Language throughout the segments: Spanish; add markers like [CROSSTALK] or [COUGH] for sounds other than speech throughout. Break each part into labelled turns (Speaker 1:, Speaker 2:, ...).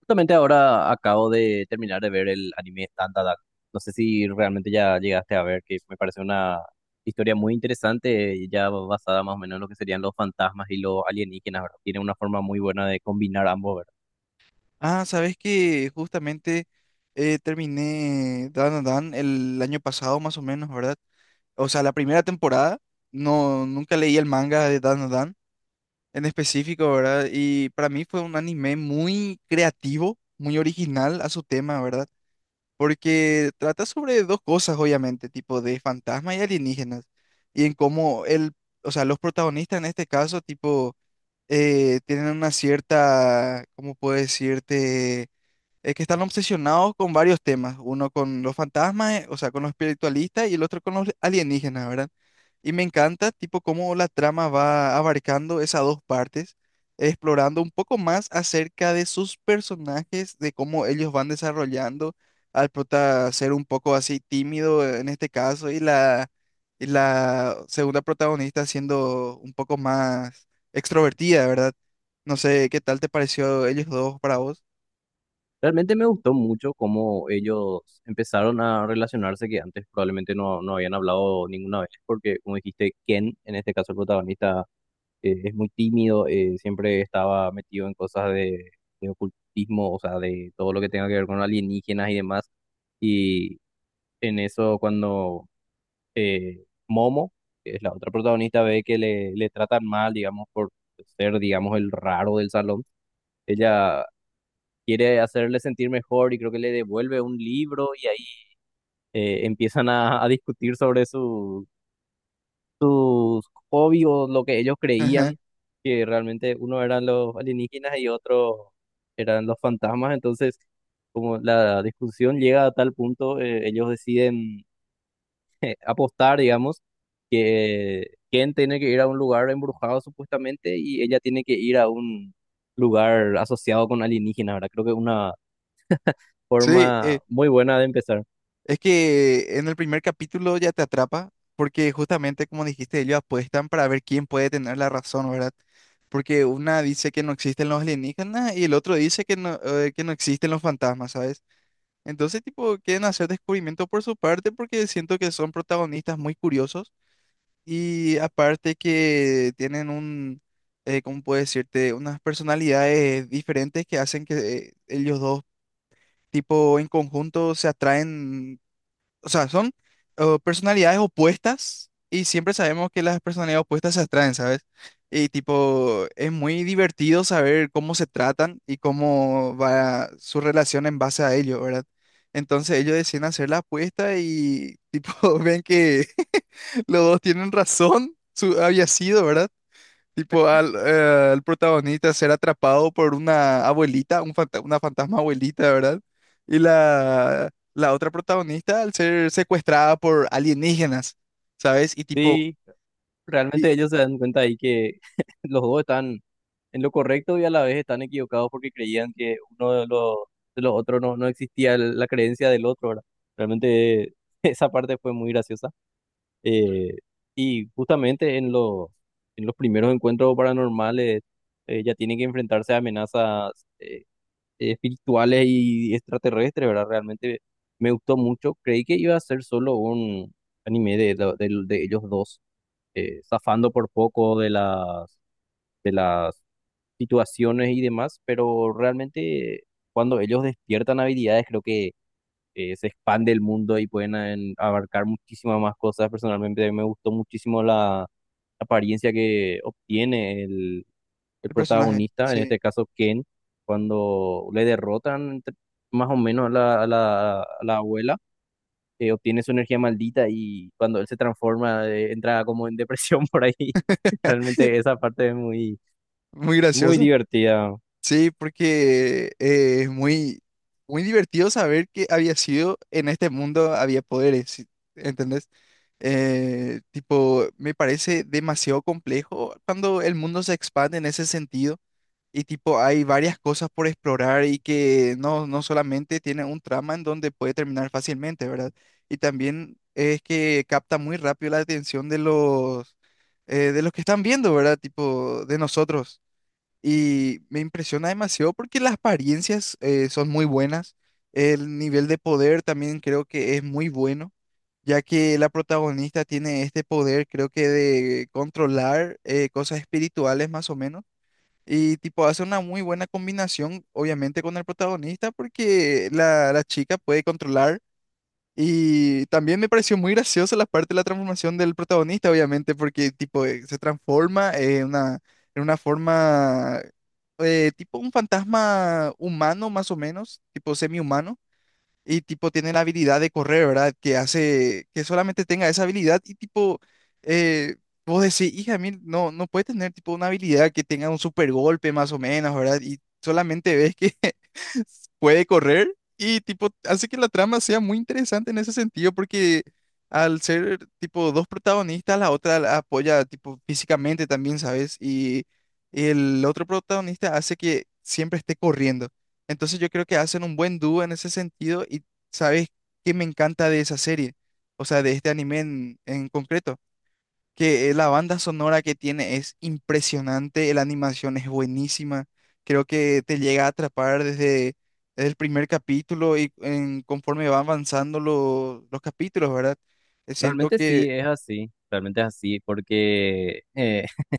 Speaker 1: Justamente ahora acabo de terminar de ver el anime Tandadak. No sé si realmente ya llegaste a ver, que me parece una historia muy interesante, y ya basada más o menos en lo que serían los fantasmas y los alienígenas, ¿verdad? Tiene una forma muy buena de combinar ambos, ¿verdad?
Speaker 2: Ah, sabes que justamente terminé Dan a Dan el año pasado más o menos, ¿verdad? O sea, la primera temporada, no, nunca leí el manga de Dan a Dan en específico, ¿verdad? Y para mí fue un anime muy creativo, muy original a su tema, ¿verdad? Porque trata sobre dos cosas, obviamente, tipo de fantasmas y alienígenas, y en cómo el, o sea, los protagonistas en este caso, tipo, tienen una cierta, ¿cómo puedo decirte? Es que están obsesionados con varios temas, uno con los fantasmas, o sea, con los espiritualistas y el otro con los alienígenas, ¿verdad? Y me encanta, tipo, cómo la trama va abarcando esas dos partes, explorando un poco más acerca de sus personajes, de cómo ellos van desarrollando al prota ser un poco así tímido en este caso y y la segunda protagonista siendo un poco más extrovertida, ¿verdad? No sé, ¿qué tal te pareció ellos dos para vos?
Speaker 1: Realmente me gustó mucho cómo ellos empezaron a relacionarse, que antes probablemente no habían hablado ninguna vez, porque como dijiste, Ken, en este caso el protagonista, es muy tímido, siempre estaba metido en cosas de ocultismo, o sea, de todo lo que tenga que ver con alienígenas y demás. Y en eso cuando Momo, que es la otra protagonista, ve que le tratan mal, digamos, por ser, digamos, el raro del salón, ella quiere hacerle sentir mejor y creo que le devuelve un libro y ahí empiezan a discutir sobre su sus hobbies o lo que ellos
Speaker 2: [LAUGHS]
Speaker 1: creían que realmente uno eran los alienígenas y otro eran los fantasmas. Entonces, como la discusión llega a tal punto, ellos deciden [LAUGHS] apostar, digamos, que Ken tiene que ir a un lugar embrujado supuestamente y ella tiene que ir a un lugar asociado con alienígenas, ¿verdad? Creo que es una
Speaker 2: Sí,
Speaker 1: forma muy buena de empezar.
Speaker 2: es que en el primer capítulo ya te atrapa, porque justamente como dijiste, ellos apuestan para ver quién puede tener la razón, ¿verdad? Porque una dice que no existen los alienígenas y el otro dice que no existen los fantasmas, ¿sabes? Entonces, tipo, quieren hacer descubrimiento por su parte porque siento que son protagonistas muy curiosos y aparte que tienen un, ¿cómo puedo decirte? Unas personalidades diferentes que hacen que ellos dos, tipo, en conjunto se atraen, o sea, son personalidades opuestas y siempre sabemos que las personalidades opuestas se atraen, ¿sabes? Y tipo, es muy divertido saber cómo se tratan y cómo va su relación en base a ello, ¿verdad? Entonces ellos deciden hacer la apuesta y tipo [LAUGHS] ven que [LAUGHS] los dos tienen razón, su, había sido, ¿verdad? Tipo, al, al protagonista ser atrapado por una abuelita, una fantasma abuelita, ¿verdad? Y la otra protagonista al ser secuestrada por alienígenas, ¿sabes? Y tipo,
Speaker 1: Sí,
Speaker 2: y
Speaker 1: realmente ellos se dan cuenta ahí que [LAUGHS] los dos están en lo correcto y a la vez están equivocados porque creían que uno de los otros no, no existía el- la creencia del otro, ¿verdad? Realmente [LAUGHS] esa parte fue muy graciosa. Eh, y justamente en los primeros encuentros paranormales ya tienen que enfrentarse a amenazas eh, espirituales y extraterrestres, ¿verdad? Realmente me gustó mucho. Creí que iba a ser solo un anime de ellos dos, zafando por poco de las situaciones y demás, pero realmente cuando ellos despiertan habilidades creo que se expande el mundo y pueden abarcar muchísimas más cosas. Personalmente a mí me gustó muchísimo la apariencia que obtiene el
Speaker 2: el personaje,
Speaker 1: protagonista, en
Speaker 2: sí,
Speaker 1: este caso Ken, cuando le derrotan entre- más o menos a la, a la, a la abuela. Obtiene su energía maldita y cuando él se transforma, entra como en depresión [LAUGHS] por ahí.
Speaker 2: [LAUGHS]
Speaker 1: Realmente esa parte es muy,
Speaker 2: muy
Speaker 1: muy
Speaker 2: graciosa.
Speaker 1: divertida.
Speaker 2: Sí, porque es muy, muy divertido saber que había sido en este mundo, había poderes, ¿sí? ¿Entendés? Tipo, me parece demasiado complejo cuando el mundo se expande en ese sentido. Y tipo, hay varias cosas por explorar y que no, no solamente tiene un trama en donde puede terminar fácilmente, ¿verdad? Y también es que capta muy rápido la atención de los que están viendo, ¿verdad? Tipo, de nosotros. Y me impresiona demasiado porque las apariencias son muy buenas. El nivel de poder también creo que es muy bueno, ya que la protagonista tiene este poder, creo que de controlar cosas espirituales más o menos y tipo hace una muy buena combinación, obviamente, con el protagonista, porque la chica puede controlar. Y también me pareció muy graciosa la parte de la transformación del protagonista, obviamente, porque tipo se transforma en una forma, tipo un fantasma humano, más o menos, tipo semi-humano y tipo tiene la habilidad de correr, ¿verdad? Que hace que solamente tenga esa habilidad y tipo, eh, vos decís, hija, mil, no, no puede tener tipo una habilidad que tenga un super golpe más o menos, ¿verdad? Y solamente ves que [LAUGHS] puede correr y tipo hace que la trama sea muy interesante en ese sentido porque al ser tipo dos protagonistas, la otra la apoya tipo físicamente también, ¿sabes? Y el otro protagonista hace que siempre esté corriendo. Entonces yo creo que hacen un buen dúo en ese sentido y sabes qué me encanta de esa serie, o sea, de este anime en concreto, que la banda sonora que tiene es impresionante, la animación es buenísima, creo que te llega a atrapar desde, desde el primer capítulo y conforme van avanzando los capítulos, ¿verdad? Siento
Speaker 1: Realmente sí,
Speaker 2: que
Speaker 1: es así, realmente es así, porque [LAUGHS]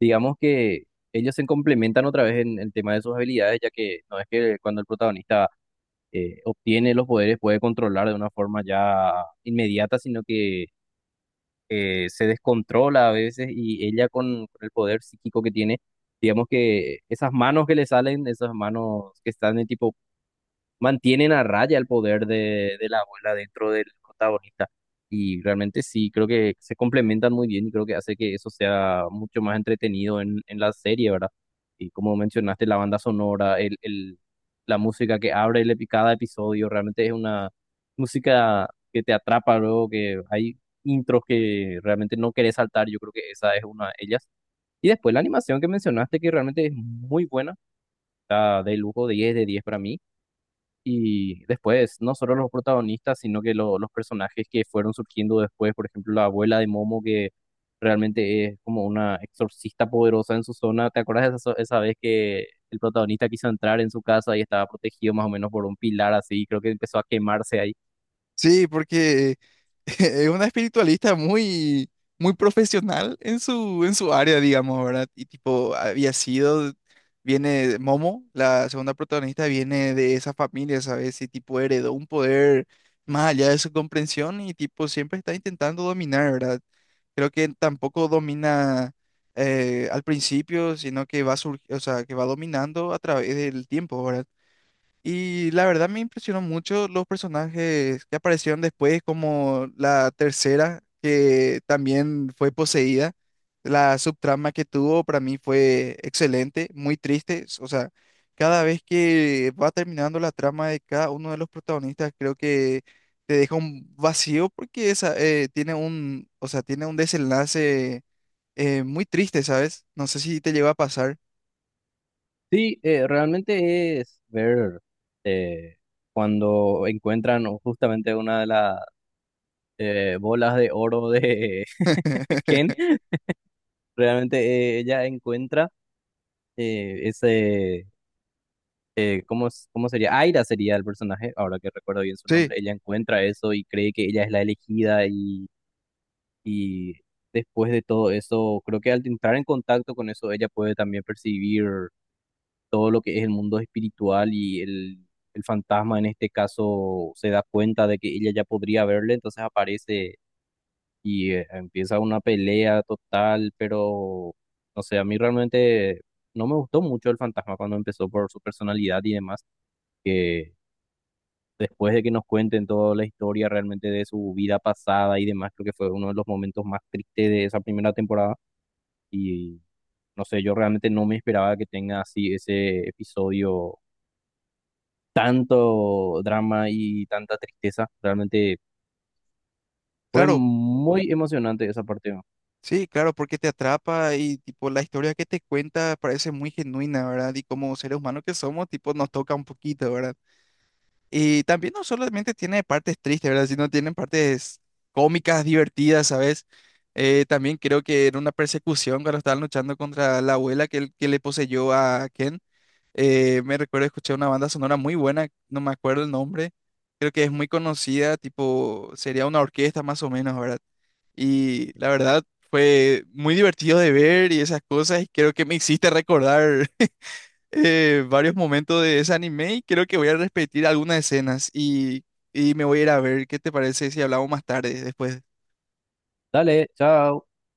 Speaker 1: digamos que ellos se complementan otra vez en el tema de sus habilidades, ya que no es que cuando el protagonista obtiene los poderes puede controlar de una forma ya inmediata, sino que se descontrola a veces y ella con el poder psíquico que tiene, digamos que esas manos que le salen, esas manos que están en tipo mantienen a raya el poder de la abuela dentro del protagonista. Y realmente sí, creo que se complementan muy bien y creo que hace que eso sea mucho más entretenido en la serie, ¿verdad? Y como mencionaste, la banda sonora, la música que abre el, epi- cada episodio, realmente es una música que te atrapa luego, que hay intros que realmente no querés saltar, yo creo que esa es una de ellas. Y después la animación que mencionaste, que realmente es muy buena, está de lujo, 10 de 10 para mí. Y después, no solo los protagonistas, sino que lo- los personajes que fueron surgiendo después, por ejemplo, la abuela de Momo, que realmente es como una exorcista poderosa en su zona. ¿Te acuerdas de esa, esa vez que el protagonista quiso entrar en su casa y estaba protegido más o menos por un pilar así? Creo que empezó a quemarse ahí.
Speaker 2: sí, porque… [LAUGHS] Es una espiritualista muy, muy profesional en su área, digamos, ¿verdad? Y tipo, había sido, viene Momo, la segunda protagonista, viene de esa familia, ¿sabes? Y tipo, heredó un poder más allá de su comprensión y tipo, siempre está intentando dominar, ¿verdad? Creo que tampoco domina al principio, sino que o sea, que va dominando a través del tiempo, ¿verdad? Y la verdad me impresionó mucho los personajes que aparecieron después, como la tercera, que también fue poseída. La subtrama que tuvo para mí fue excelente, muy triste. O sea, cada vez que va terminando la trama de cada uno de los protagonistas, creo que te deja un vacío porque esa, tiene un, o sea, tiene un desenlace muy triste, ¿sabes? No sé si te llegó a pasar.
Speaker 1: Sí, realmente es ver eh, cuando encuentran justamente una de las bolas de oro de [LAUGHS] Ken,
Speaker 2: [LAUGHS]
Speaker 1: realmente ella encuentra ese ¿cómo, s- cómo sería? Aira sería el personaje, ahora que recuerdo bien su
Speaker 2: Sí,
Speaker 1: nombre. Ella encuentra eso y cree que ella es la elegida y después de todo eso, creo que al entrar en contacto con eso, ella puede también percibir todo lo que es el mundo espiritual y el fantasma en este caso se da cuenta de que ella ya podría verle, entonces aparece y empieza una pelea total, pero no sé, a mí realmente no me gustó mucho el fantasma cuando empezó por su personalidad y demás que después de que nos cuenten toda la historia realmente de su vida pasada y demás, creo que fue uno de los momentos más tristes de esa primera temporada. Y no sé, yo realmente no me esperaba que tenga así ese episodio, tanto drama y tanta tristeza. Realmente fue
Speaker 2: claro,
Speaker 1: muy emocionante esa parte, ¿no?
Speaker 2: sí, claro, porque te atrapa y tipo la historia que te cuenta parece muy genuina, ¿verdad? Y como seres humanos que somos, tipo nos toca un poquito, ¿verdad? Y también no solamente tiene partes tristes, ¿verdad? Sino tienen partes cómicas, divertidas, ¿sabes? También creo que era una persecución cuando estaban luchando contra la abuela que, que le poseyó a Ken. Me recuerdo escuché una banda sonora muy buena, no me acuerdo el nombre. Creo que es muy conocida, tipo sería una orquesta más o menos, ¿verdad? Y la verdad fue muy divertido de ver y esas cosas. Y creo que me hiciste recordar [LAUGHS] varios momentos de ese anime y creo que voy a repetir algunas escenas y me voy a ir a ver qué te parece si hablamos más tarde después.
Speaker 1: Dale, chao.